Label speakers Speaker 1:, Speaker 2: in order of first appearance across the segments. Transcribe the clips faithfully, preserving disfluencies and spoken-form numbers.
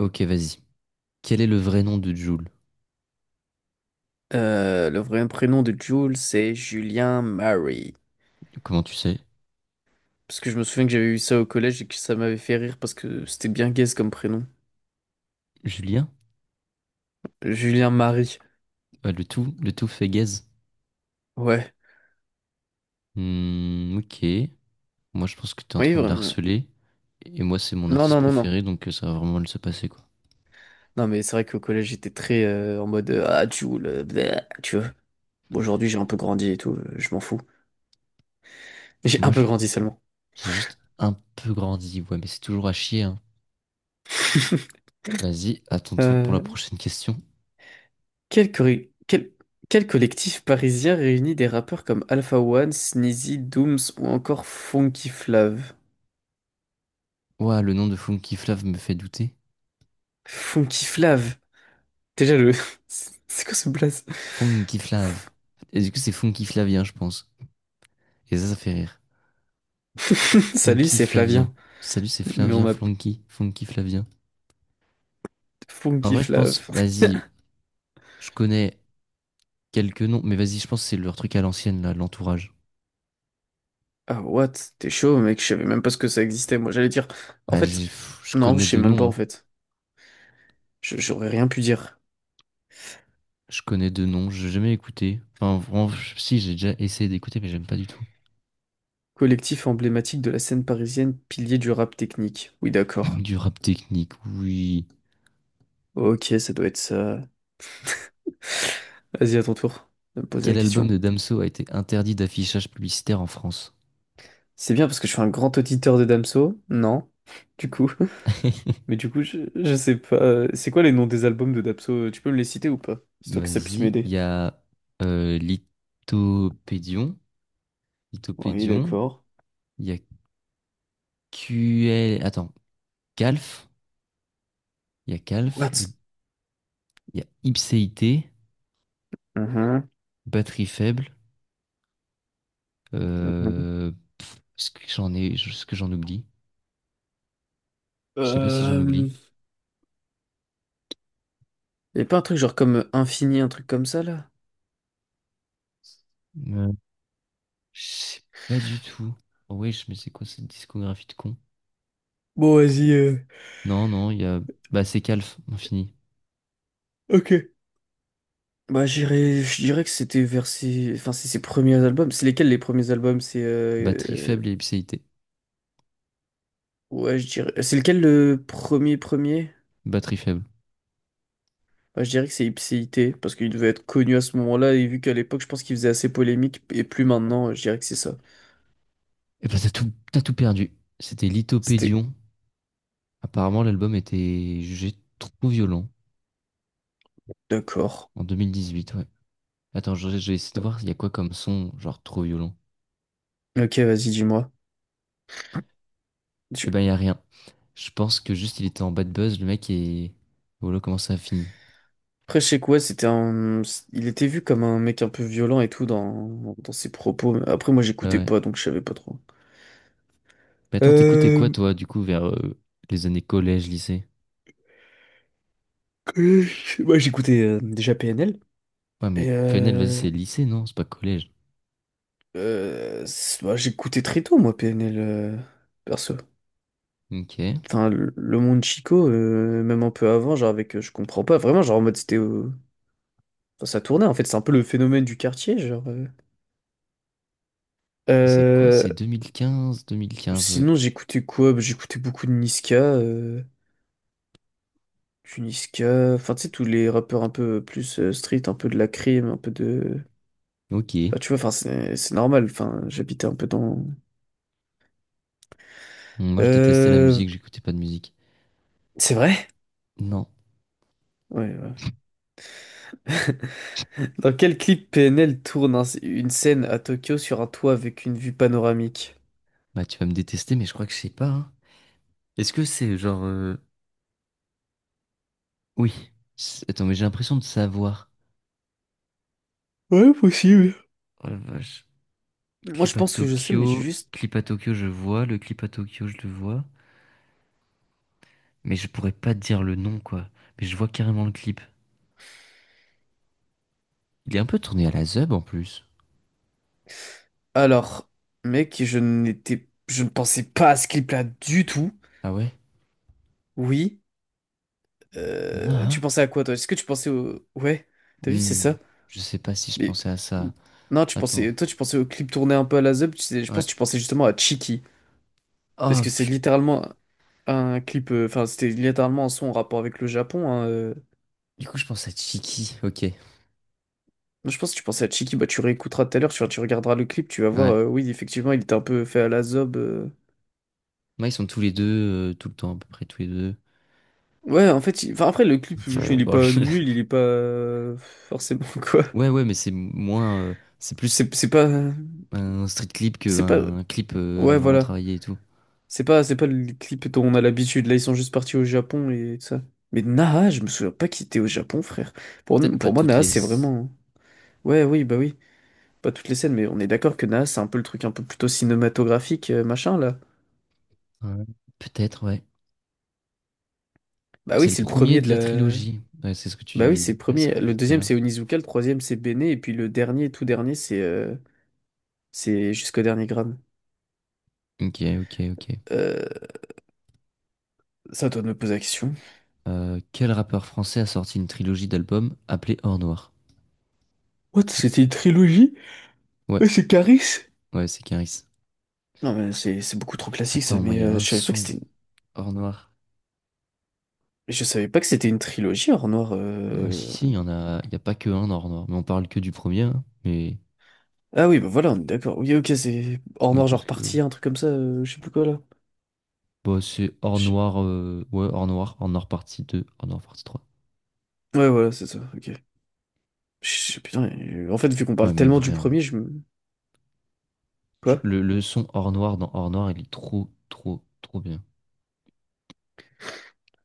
Speaker 1: Ok, vas-y. Quel est le vrai nom de Jules?
Speaker 2: Euh, le vrai prénom de Jules, c'est Julien Murray.
Speaker 1: Comment tu sais?
Speaker 2: Parce que je me souviens que j'avais eu ça au collège et que ça m'avait fait rire parce que c'était bien gaze comme prénom.
Speaker 1: Julien?
Speaker 2: Julien Marie.
Speaker 1: Ah, le tout, le tout fait gaze.
Speaker 2: Ouais.
Speaker 1: Hmm, ok. Moi, je pense que t'es en
Speaker 2: Oui,
Speaker 1: train de la
Speaker 2: vraiment.
Speaker 1: harceler. Et moi, c'est mon
Speaker 2: Non,
Speaker 1: artiste
Speaker 2: non, non, non.
Speaker 1: préféré, donc euh, ça va vraiment mal se passer, quoi.
Speaker 2: Non, mais c'est vrai qu'au collège, j'étais très euh, en mode euh, Ah, Jules, euh, bleh, tu vois. Bon, aujourd'hui, j'ai un peu grandi et tout, euh, je m'en fous. J'ai un
Speaker 1: Moi,
Speaker 2: peu
Speaker 1: je-
Speaker 2: grandi seulement.
Speaker 1: j'ai juste un peu grandi. Ouais, mais c'est toujours à chier, hein. Vas-y, à ton tour pour la
Speaker 2: Euh,
Speaker 1: prochaine question.
Speaker 2: quel, corri- quel- Quel collectif parisien réunit des rappeurs comme Alpha One, Sneezy, Dooms ou encore Funky Flav?
Speaker 1: Ouah, le nom de Funky Flav me fait douter.
Speaker 2: Funky Flav? Déjà le... C'est quoi ce blaze?
Speaker 1: Funky Flav. Et du coup, c'est Funky Flavien, je pense. Et ça, ça fait rire.
Speaker 2: Salut,
Speaker 1: Funky
Speaker 2: c'est
Speaker 1: Flavien.
Speaker 2: Flavien.
Speaker 1: Salut, c'est
Speaker 2: Mais on
Speaker 1: Flavien
Speaker 2: m'a...
Speaker 1: Flonky. Funky Flavien. En
Speaker 2: Funky
Speaker 1: vrai, je pense,
Speaker 2: Flav.
Speaker 1: vas-y, je connais quelques noms, mais vas-y, je pense que c'est leur truc à l'ancienne, là, l'entourage.
Speaker 2: Ah, what? T'es chaud, mec, je savais même pas ce que ça existait. Moi, j'allais dire... En
Speaker 1: Bah, j'ai-
Speaker 2: fait...
Speaker 1: pff, je
Speaker 2: Non,
Speaker 1: connais
Speaker 2: je sais
Speaker 1: deux
Speaker 2: même pas,
Speaker 1: noms,
Speaker 2: en
Speaker 1: hein.
Speaker 2: fait. Je- J'aurais rien pu dire.
Speaker 1: Je connais deux noms, j'ai jamais écouté. Enfin, vraiment, si, j'ai déjà essayé d'écouter, mais j'aime pas du tout.
Speaker 2: Collectif emblématique de la scène parisienne, pilier du rap technique. Oui, d'accord.
Speaker 1: Du rap technique, oui.
Speaker 2: Ok, ça doit être ça. Vas-y, à ton tour de me poser la
Speaker 1: Quel album
Speaker 2: question.
Speaker 1: de Damso a été interdit d'affichage publicitaire en France?
Speaker 2: C'est bien parce que je suis un grand auditeur de Damso. Non, du coup. Mais du coup, je, je sais pas. euh, C'est quoi les noms des albums de Dapso? euh, Tu peux me les citer ou pas? Histoire que ça puisse
Speaker 1: Vas-y, il
Speaker 2: m'aider.
Speaker 1: y a euh, Lithopédion,
Speaker 2: Oui,
Speaker 1: Lithopédion,
Speaker 2: d'accord.
Speaker 1: il y a Q L, attends, Calf, il y a Calf,
Speaker 2: What?
Speaker 1: le- il y a Ipséité,
Speaker 2: Mhm,
Speaker 1: Batterie faible.
Speaker 2: mhm.
Speaker 1: Euh, pff, ce que j'en ai, ce que j'en oublie? Je sais pas si j'en
Speaker 2: Euh...
Speaker 1: oublie.
Speaker 2: Y a pas un truc genre comme euh, Infini, un truc comme ça, là?
Speaker 1: Euh, je sais pas du tout. Oh wesh, mais c'est quoi cette discographie de con?
Speaker 2: Bon, vas-y. euh,
Speaker 1: Non, non, il y a. Bah, c'est Calf, on finit.
Speaker 2: Ok. Bah, j'irais, je dirais que c'était vers ses... Enfin, c'est ses premiers albums. C'est lesquels les premiers albums? C'est...
Speaker 1: Batterie
Speaker 2: euh,
Speaker 1: faible et ipséité.
Speaker 2: Ouais, je dirais... C'est lequel le premier premier?
Speaker 1: Batterie faible.
Speaker 2: Bah, je dirais que c'est Ipséité, parce qu'il devait être connu à ce moment-là, et vu qu'à l'époque, je pense qu'il faisait assez polémique, et plus maintenant, je dirais que c'est ça.
Speaker 1: Et bah, t'as tout, t'as tout perdu. C'était
Speaker 2: C'était.
Speaker 1: Lithopédion. Apparemment, l'album était jugé trop violent
Speaker 2: D'accord.
Speaker 1: en deux mille dix-huit, ouais. Attends, je, je vais essayer de voir il y a quoi comme son, genre trop violent.
Speaker 2: Ok, vas-y, dis-moi.
Speaker 1: Et
Speaker 2: Tu-
Speaker 1: ben, il y a rien. Je pense que juste il était en bad buzz, le mec, et voilà comment ça a fini.
Speaker 2: Après, je sais quoi, c'était un... Il était vu comme un mec un peu violent et tout dans, dans ses propos. Après, moi,
Speaker 1: Ouais.
Speaker 2: j'écoutais
Speaker 1: ouais.
Speaker 2: pas, donc je savais pas trop.
Speaker 1: Mais attends, t'écoutais quoi,
Speaker 2: Euh...
Speaker 1: toi, du coup, vers euh, les années collège, lycée?
Speaker 2: que- Moi, j'écoutais euh, déjà P N L.
Speaker 1: Ouais, mais
Speaker 2: Et
Speaker 1: P N L, vas-y,
Speaker 2: euh...
Speaker 1: c'est lycée, non? C'est pas collège.
Speaker 2: euh, c'est- bah, j'écoutais très tôt, moi, P N L, euh, perso.
Speaker 1: Ok.
Speaker 2: Enfin, le le monde Chico, euh, même un peu avant, genre avec... euh, Je comprends pas, vraiment, genre en mode, c'était... euh, Enfin, ça tournait, en fait, c'est un peu le phénomène du quartier, genre... euh.
Speaker 1: C'est quoi?
Speaker 2: Euh,
Speaker 1: C'est vingt quinze, vingt quinze, ouais.
Speaker 2: Sinon, j'écoutais quoi? Bah, j'écoutais beaucoup de Niska, euh, du Niska, enfin, tu sais, tous les rappeurs un peu plus euh, street, un peu de la crime, un peu de.
Speaker 1: Ok.
Speaker 2: Enfin, tu vois, enfin, c'est c'est normal, enfin, j'habitais un peu dans.
Speaker 1: Moi, je détestais la
Speaker 2: Euh,
Speaker 1: musique, j'écoutais pas de musique.
Speaker 2: c'est vrai?
Speaker 1: Non.
Speaker 2: Ouais, ouais. Dans quel clip P N L tourne un- une scène à Tokyo sur un toit avec une vue panoramique?
Speaker 1: Bah, tu vas me détester, mais je crois que je sais pas, hein. Est-ce que c'est genre... euh, Oui. C'est- Attends, mais j'ai l'impression de savoir.
Speaker 2: Ouais, possible.
Speaker 1: Oh la vache.
Speaker 2: Moi, je
Speaker 1: Clip à
Speaker 2: pense que je sais, mais j'ai
Speaker 1: Tokyo.
Speaker 2: juste.
Speaker 1: Clip à Tokyo, je vois. Le clip à Tokyo, je le vois. Mais je pourrais pas te dire le nom, quoi. Mais je vois carrément le clip. Il est un peu tourné à la zeub en plus.
Speaker 2: Alors, mec, je n'étais, je ne pensais pas à ce clip-là du tout.
Speaker 1: Ah ouais?
Speaker 2: Oui,
Speaker 1: Non,
Speaker 2: Euh, tu
Speaker 1: hein.
Speaker 2: pensais à quoi, toi? Est-ce que tu pensais au... Ouais, t'as vu, c'est
Speaker 1: Hmm,
Speaker 2: ça.
Speaker 1: je sais pas si je
Speaker 2: Mais...
Speaker 1: pensais à ça.
Speaker 2: Non, tu
Speaker 1: Attends.
Speaker 2: pensais... Toi, tu pensais au clip tourné un peu à la Zeb. Tu sais, je pense
Speaker 1: Ouais.
Speaker 2: que tu pensais justement à Chiki. Parce
Speaker 1: Oh,
Speaker 2: que c'est
Speaker 1: je-
Speaker 2: littéralement un clip... euh, Enfin, c'était littéralement un son en rapport avec le Japon. Hein, euh.
Speaker 1: du coup, je pense à Chiki. Ok.
Speaker 2: Moi, je pense que tu pensais à Chiki. Bah, tu réécouteras tout à l'heure, tu, tu regarderas le clip, tu vas voir...
Speaker 1: Ouais.
Speaker 2: euh, oui, effectivement, il était un peu fait à la Zeb. euh.
Speaker 1: Moi, ils sont tous les deux, euh, tout le temps, à peu près tous les deux.
Speaker 2: Ouais, en fait... il- Enfin, après, le clip, je- il
Speaker 1: Ouais.
Speaker 2: est
Speaker 1: Bon,
Speaker 2: pas
Speaker 1: je-
Speaker 2: nul, il est pas... euh, forcément, quoi.
Speaker 1: Ouais, ouais, mais c'est moins. Euh, c'est plus
Speaker 2: C'est c'est pas...
Speaker 1: un street clip
Speaker 2: C'est pas...
Speaker 1: qu'un clip euh,
Speaker 2: Ouais,
Speaker 1: vraiment
Speaker 2: voilà.
Speaker 1: travaillé et tout.
Speaker 2: C'est pas, c'est pas le clip dont on a l'habitude. Là, ils sont juste partis au Japon et tout ça. Mais Naha, je me souviens pas qu'il était au Japon, frère. Pour,
Speaker 1: Peut-être pas
Speaker 2: pour moi,
Speaker 1: toutes
Speaker 2: Naha,
Speaker 1: les.
Speaker 2: c'est vraiment. Ouais, oui, bah oui. Pas toutes les scènes, mais on est d'accord que Naha, c'est un peu le truc un peu plutôt cinématographique, euh, machin, là.
Speaker 1: Ouais. Peut-être, ouais.
Speaker 2: Bah
Speaker 1: C'est
Speaker 2: oui,
Speaker 1: le
Speaker 2: c'est le
Speaker 1: premier
Speaker 2: premier de
Speaker 1: de la
Speaker 2: la.
Speaker 1: trilogie. Ouais, c'est ce que
Speaker 2: Bah oui, c'est
Speaker 1: tu.
Speaker 2: le
Speaker 1: Ouais, ce que
Speaker 2: premier.
Speaker 1: tu
Speaker 2: Le
Speaker 1: disais tout à
Speaker 2: deuxième,
Speaker 1: l'heure.
Speaker 2: c'est Onizuka. Le troisième, c'est Bene. Et puis le dernier, tout dernier, c'est. euh, C'est jusqu'au dernier gramme.
Speaker 1: Ok, ok, ok.
Speaker 2: Euh, ça, doit me poser la question.
Speaker 1: Euh, quel rappeur français a sorti une trilogie d'albums appelée Or Noir?
Speaker 2: What? C'était une trilogie?
Speaker 1: Ouais,
Speaker 2: Ouais, c'est Caris?
Speaker 1: ouais, c'est Caris.
Speaker 2: Non, mais c'est c'est beaucoup trop classique ça,
Speaker 1: Attends, moi, il
Speaker 2: mais
Speaker 1: y a
Speaker 2: euh,
Speaker 1: un
Speaker 2: je savais pas que
Speaker 1: son
Speaker 2: c'était.
Speaker 1: Or Noir.
Speaker 2: Mais je savais pas que c'était une trilogie, Or Noir.
Speaker 1: Ouais, si,
Speaker 2: euh.
Speaker 1: si, il y en a, il y a pas que un Or Noir, mais on parle que du premier, hein, mais
Speaker 2: Ah oui, bah voilà, on est d'accord. Oui, ok, c'est Or
Speaker 1: oui,
Speaker 2: Noir,
Speaker 1: parce
Speaker 2: genre
Speaker 1: que oui.
Speaker 2: partie, un truc comme ça, euh, je sais plus quoi là.
Speaker 1: Bon, c'est Or
Speaker 2: Je-
Speaker 1: Noir, euh, ouais, Or Noir, Or Noir partie deux, Or Noir partie trois.
Speaker 2: Ouais, voilà, c'est ça, ok. Je- Putain, euh, en fait, vu qu'on
Speaker 1: Ouais,
Speaker 2: parle
Speaker 1: mais
Speaker 2: tellement du
Speaker 1: vraiment,
Speaker 2: premier, je me.
Speaker 1: genre,
Speaker 2: Quoi?
Speaker 1: le, le son Or Noir dans Or Noir, il est trop, trop, trop bien.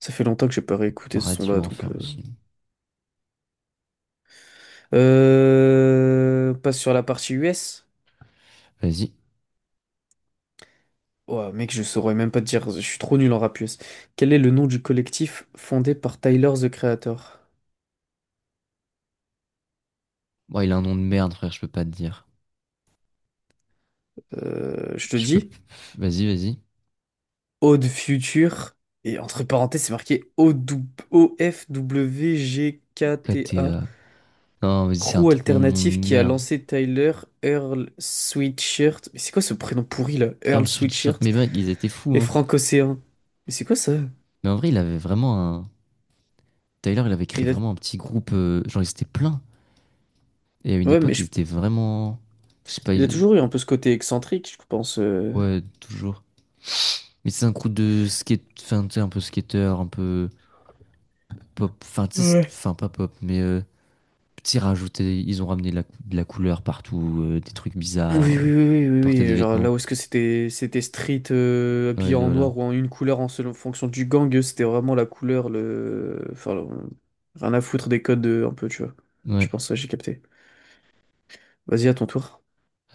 Speaker 2: Ça fait longtemps que j'ai pas réécouté ce
Speaker 1: Paradis ou
Speaker 2: son-là, donc.
Speaker 1: Enfer
Speaker 2: Euh...
Speaker 1: aussi.
Speaker 2: Euh, Passe sur la partie U S.
Speaker 1: Vas-y.
Speaker 2: Ouais, mec, je saurais même pas te dire, je suis trop nul en rap U S. Quel est le nom du collectif fondé par Tyler, the Creator?
Speaker 1: Bon, il a un nom de merde, frère, je peux pas te dire.
Speaker 2: Euh, je te
Speaker 1: Je peux...
Speaker 2: dis.
Speaker 1: Vas-y, vas-y.
Speaker 2: Ode Future. Et entre parenthèses, c'est marqué O-F-W-G-K-T-A.
Speaker 1: K T A. Non, mais c'est un
Speaker 2: Crew
Speaker 1: tronc de nom de
Speaker 2: alternatif qui a
Speaker 1: merde.
Speaker 2: lancé Tyler Earl Sweatshirt. Mais c'est quoi ce prénom pourri là?
Speaker 1: Earl
Speaker 2: Earl
Speaker 1: Sweatshirt,
Speaker 2: Sweatshirt
Speaker 1: mais mec, ils étaient fous,
Speaker 2: et
Speaker 1: hein.
Speaker 2: Frank Océan. Mais c'est quoi ça?
Speaker 1: Mais en vrai, il avait vraiment un. Tyler, il avait créé
Speaker 2: Il a...
Speaker 1: vraiment un petit groupe. euh, Genre, ils étaient pleins. Et à une
Speaker 2: Ouais, mais
Speaker 1: époque, ils
Speaker 2: je-
Speaker 1: étaient vraiment. Je sais pas.
Speaker 2: il a
Speaker 1: Ils-
Speaker 2: toujours eu un peu ce côté excentrique, je pense. euh.
Speaker 1: Ouais, toujours. Mais c'est un groupe de skate. Enfin, tu sais, un peu skater, un peu pop. Enfin, tu sais, c'est- enfin, pas pop, mais. euh, Petit rajouté. Ils ont ramené de la, cou- de la couleur partout, euh, des trucs
Speaker 2: Oui, oui,
Speaker 1: bizarres. euh,
Speaker 2: oui, oui,
Speaker 1: Ils
Speaker 2: oui,
Speaker 1: portaient des
Speaker 2: oui, genre
Speaker 1: vêtements.
Speaker 2: là où est-ce que c'était c'était street, euh, habillé
Speaker 1: Ouais,
Speaker 2: en
Speaker 1: voilà.
Speaker 2: noir ou en une couleur en selon en fonction du gang, eux, c'était vraiment la couleur, le... Enfin, le- rien à foutre des codes, euh, un peu, tu vois.
Speaker 1: Ouais.
Speaker 2: Je pense, ouais, j'ai capté. Vas-y, à ton tour.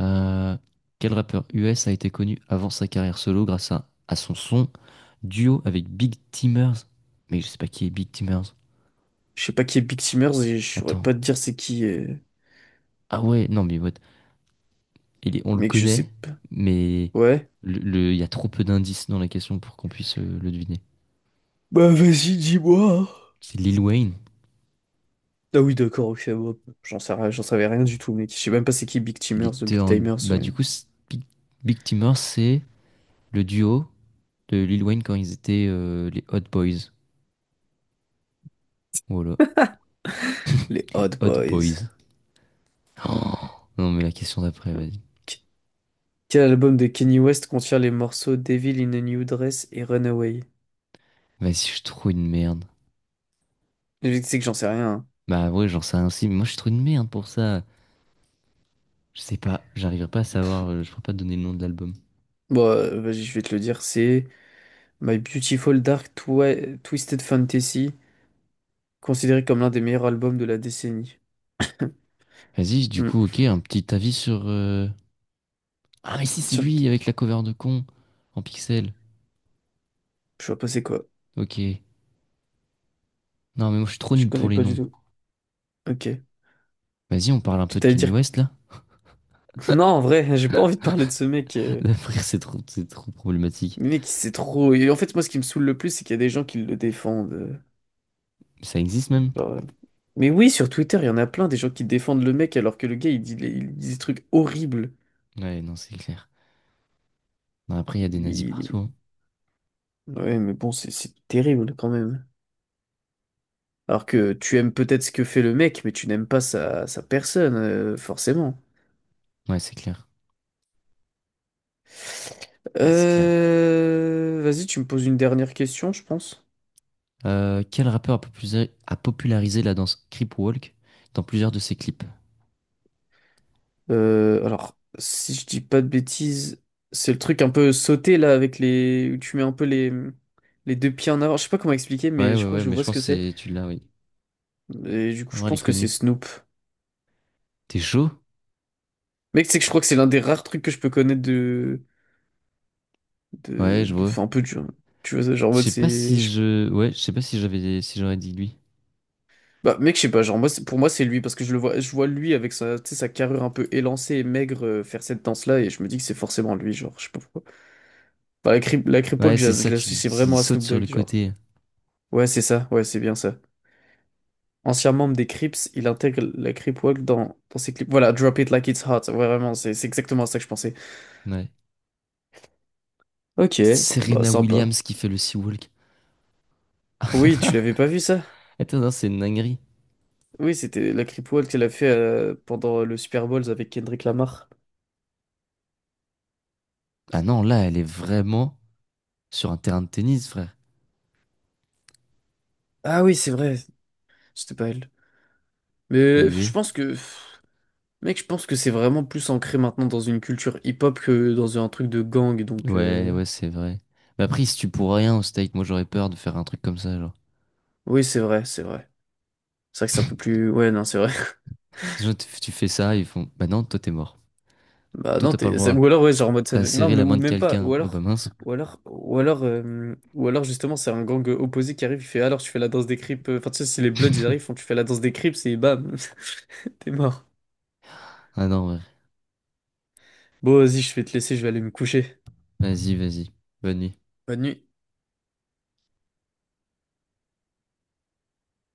Speaker 1: Euh, quel rappeur U S a été connu avant sa carrière solo grâce à, à son son duo avec Big Timers? Mais je sais pas qui est Big Timers.
Speaker 2: Je sais pas qui est Big Timers et je saurais
Speaker 1: Attends.
Speaker 2: pas te dire c'est qui, euh,
Speaker 1: Ah ouais, non mais what? Il est- on le
Speaker 2: mec, je
Speaker 1: connaît,
Speaker 2: sais pas.
Speaker 1: mais
Speaker 2: Ouais.
Speaker 1: le, le- il y a trop peu d'indices dans la question pour qu'on puisse euh, le deviner.
Speaker 2: Bah vas-y, dis-moi. Hein.
Speaker 1: C'est Lil Wayne.
Speaker 2: Ah oui, d'accord, ok, bon, j'en sais rien- j'en savais rien du tout, mec. Je sais même pas c'est qui Big
Speaker 1: Il
Speaker 2: Timers, the
Speaker 1: était
Speaker 2: Big
Speaker 1: en...
Speaker 2: Timers,
Speaker 1: Bah
Speaker 2: euh,
Speaker 1: du coup, c'est- Big, Big Timers, c'est le duo de Lil Wayne quand ils étaient euh, les Hot Boys. Voilà.
Speaker 2: les
Speaker 1: Les
Speaker 2: Hot
Speaker 1: Hot
Speaker 2: Boys.
Speaker 1: Boys. Oh non mais la question d'après, vas-y.
Speaker 2: Ok. Quel album de Kanye West contient les morceaux Devil in a New Dress et Runaway?
Speaker 1: Vas-y, je suis trop une merde.
Speaker 2: Le truc, c'est que j'en sais rien. Hein.
Speaker 1: Bah ouais, j'en sais rien aussi, mais moi je suis trop une merde pour ça. Je sais pas, j'arriverai pas à
Speaker 2: Pff,
Speaker 1: savoir, euh, je pourrais pas te donner le nom de l'album.
Speaker 2: bon, euh, vas-y, je vais te le dire. C'est My Beautiful Dark Twi- Twisted Fantasy, considéré comme l'un des meilleurs albums de la décennie.
Speaker 1: Vas-y, du coup,
Speaker 2: Hmm.
Speaker 1: ok, un petit avis sur... euh, Ah mais si, c'est
Speaker 2: Sur
Speaker 1: lui,
Speaker 2: qui?
Speaker 1: avec la cover de con, en pixel.
Speaker 2: Je vois pas c'est quoi.
Speaker 1: Ok. Non mais moi je suis trop
Speaker 2: Je
Speaker 1: nul pour
Speaker 2: connais
Speaker 1: les
Speaker 2: pas du
Speaker 1: noms.
Speaker 2: tout. Ok.
Speaker 1: Vas-y, on parle un
Speaker 2: Tu
Speaker 1: peu de
Speaker 2: t'allais
Speaker 1: Kanye
Speaker 2: dire.
Speaker 1: West là.
Speaker 2: Non, en vrai, j'ai pas envie de parler de ce mec. euh.
Speaker 1: D'après, c'est trop, c'est trop problématique.
Speaker 2: Le mec, c'est trop. Et en fait, moi, ce qui me saoule le plus, c'est qu'il y a des gens qui le défendent. euh.
Speaker 1: Ça existe même?
Speaker 2: Genre, euh, Mais oui, sur Twitter, il y en a plein des gens qui défendent le mec alors que le gars, il dit, les- il dit des trucs horribles.
Speaker 1: Ouais, non, c'est clair. Non, après, il y a des nazis partout,
Speaker 2: Il-
Speaker 1: hein.
Speaker 2: Ouais, mais bon, c'est c'est terrible quand même. Alors que tu aimes peut-être ce que fait le mec, mais tu n'aimes pas sa, sa personne, euh, forcément.
Speaker 1: Ouais, c'est clair. Ouais, c'est clair.
Speaker 2: Euh, Vas-y, tu me poses une dernière question, je pense.
Speaker 1: Euh, quel rappeur a popularisé a popularisé la danse Crip Walk dans plusieurs de ses clips?
Speaker 2: Euh, alors, si je dis pas de bêtises, c'est le truc un peu sauté là avec les où tu mets un peu les les deux pieds en avant. Je sais pas comment expliquer,
Speaker 1: Ouais,
Speaker 2: mais je
Speaker 1: ouais,
Speaker 2: crois
Speaker 1: ouais,
Speaker 2: que je
Speaker 1: mais
Speaker 2: vois
Speaker 1: je
Speaker 2: ce
Speaker 1: pense
Speaker 2: que
Speaker 1: que
Speaker 2: c'est.
Speaker 1: c'est- tu l'as, oui.
Speaker 2: Et du coup,
Speaker 1: En
Speaker 2: je
Speaker 1: vrai, elle est
Speaker 2: pense que c'est
Speaker 1: connue.
Speaker 2: Snoop.
Speaker 1: T'es chaud?
Speaker 2: Mec, c'est que je crois que c'est l'un des rares trucs que je peux connaître de.
Speaker 1: Ouais,
Speaker 2: de.
Speaker 1: je
Speaker 2: de-
Speaker 1: vois.
Speaker 2: Enfin, un peu du. Tu vois, genre, en
Speaker 1: Je
Speaker 2: mode,
Speaker 1: sais pas
Speaker 2: c'est.
Speaker 1: si
Speaker 2: je-
Speaker 1: je. Ouais, je sais pas si j'avais si j'aurais dit lui.
Speaker 2: Bah, mec, je sais pas, genre, moi, c'est- pour moi, c'est lui, parce que je le vois, je vois lui avec sa, tu sais, sa carrure un peu élancée et maigre, euh, faire cette danse-là, et je me dis que c'est forcément lui, genre, je sais pas pourquoi. Bah, la, Crip- la Cripple,
Speaker 1: Ouais,
Speaker 2: que
Speaker 1: c'est
Speaker 2: j'a- je
Speaker 1: ça, tu
Speaker 2: l'associe
Speaker 1: il
Speaker 2: vraiment à
Speaker 1: saute
Speaker 2: Snoop
Speaker 1: sur le
Speaker 2: Dogg, genre.
Speaker 1: côté.
Speaker 2: Ouais, c'est ça, ouais, c'est bien ça. Ancien membre des Crips, il intègre la Crip Walk dans, dans ses clips. Voilà, Drop It Like It's Hot, ouais, vraiment, c'est c'est exactement à ça que je pensais.
Speaker 1: Ouais.
Speaker 2: Ok, bah,
Speaker 1: Serena
Speaker 2: sympa.
Speaker 1: Williams qui fait le sea walk.
Speaker 2: Oui, tu l'avais pas vu ça?
Speaker 1: Attends, non, c'est une dinguerie.
Speaker 2: Oui, c'était la creepwalk qu'elle a fait euh, pendant le Super Bowl avec Kendrick Lamar.
Speaker 1: Ah non, là, elle est vraiment sur un terrain de tennis, frère.
Speaker 2: Ah oui, c'est vrai, c'était pas elle.
Speaker 1: Eh
Speaker 2: Mais je
Speaker 1: oui.
Speaker 2: pense que, mec, je pense que c'est vraiment plus ancré maintenant dans une culture hip-hop que dans un truc de gang, donc
Speaker 1: Ouais,
Speaker 2: euh,
Speaker 1: ouais, c'est vrai. Mais après, si tu pour rien au steak, moi j'aurais peur de faire un truc comme ça, genre.
Speaker 2: oui, c'est vrai, c'est vrai. C'est vrai que c'est un peu plus, ouais, non, c'est vrai.
Speaker 1: Disons, tu tu fais ça, ils font. Bah non, toi t'es mort.
Speaker 2: Bah
Speaker 1: Toi
Speaker 2: non,
Speaker 1: t'as pas le
Speaker 2: t'es, c'est- ou
Speaker 1: droit.
Speaker 2: alors ouais, genre en mode, ça
Speaker 1: T'as
Speaker 2: fait- non,
Speaker 1: serré
Speaker 2: mais
Speaker 1: la main
Speaker 2: ou
Speaker 1: de
Speaker 2: même pas,
Speaker 1: quelqu'un.
Speaker 2: ou
Speaker 1: Oh bah
Speaker 2: alors,
Speaker 1: mince.
Speaker 2: ou alors, ou alors, euh, ou alors justement, c'est un gang opposé qui arrive, il fait, alors tu fais la danse des Crips, euh, enfin tu sais, si les Bloods ils arrivent, ils font, tu fais la danse des Crips et bam, t'es mort.
Speaker 1: Ah non, ouais.
Speaker 2: Bon, vas-y, je vais te laisser, je vais aller me coucher.
Speaker 1: Vas-y, vas-y. Bonne nuit.
Speaker 2: Bonne nuit.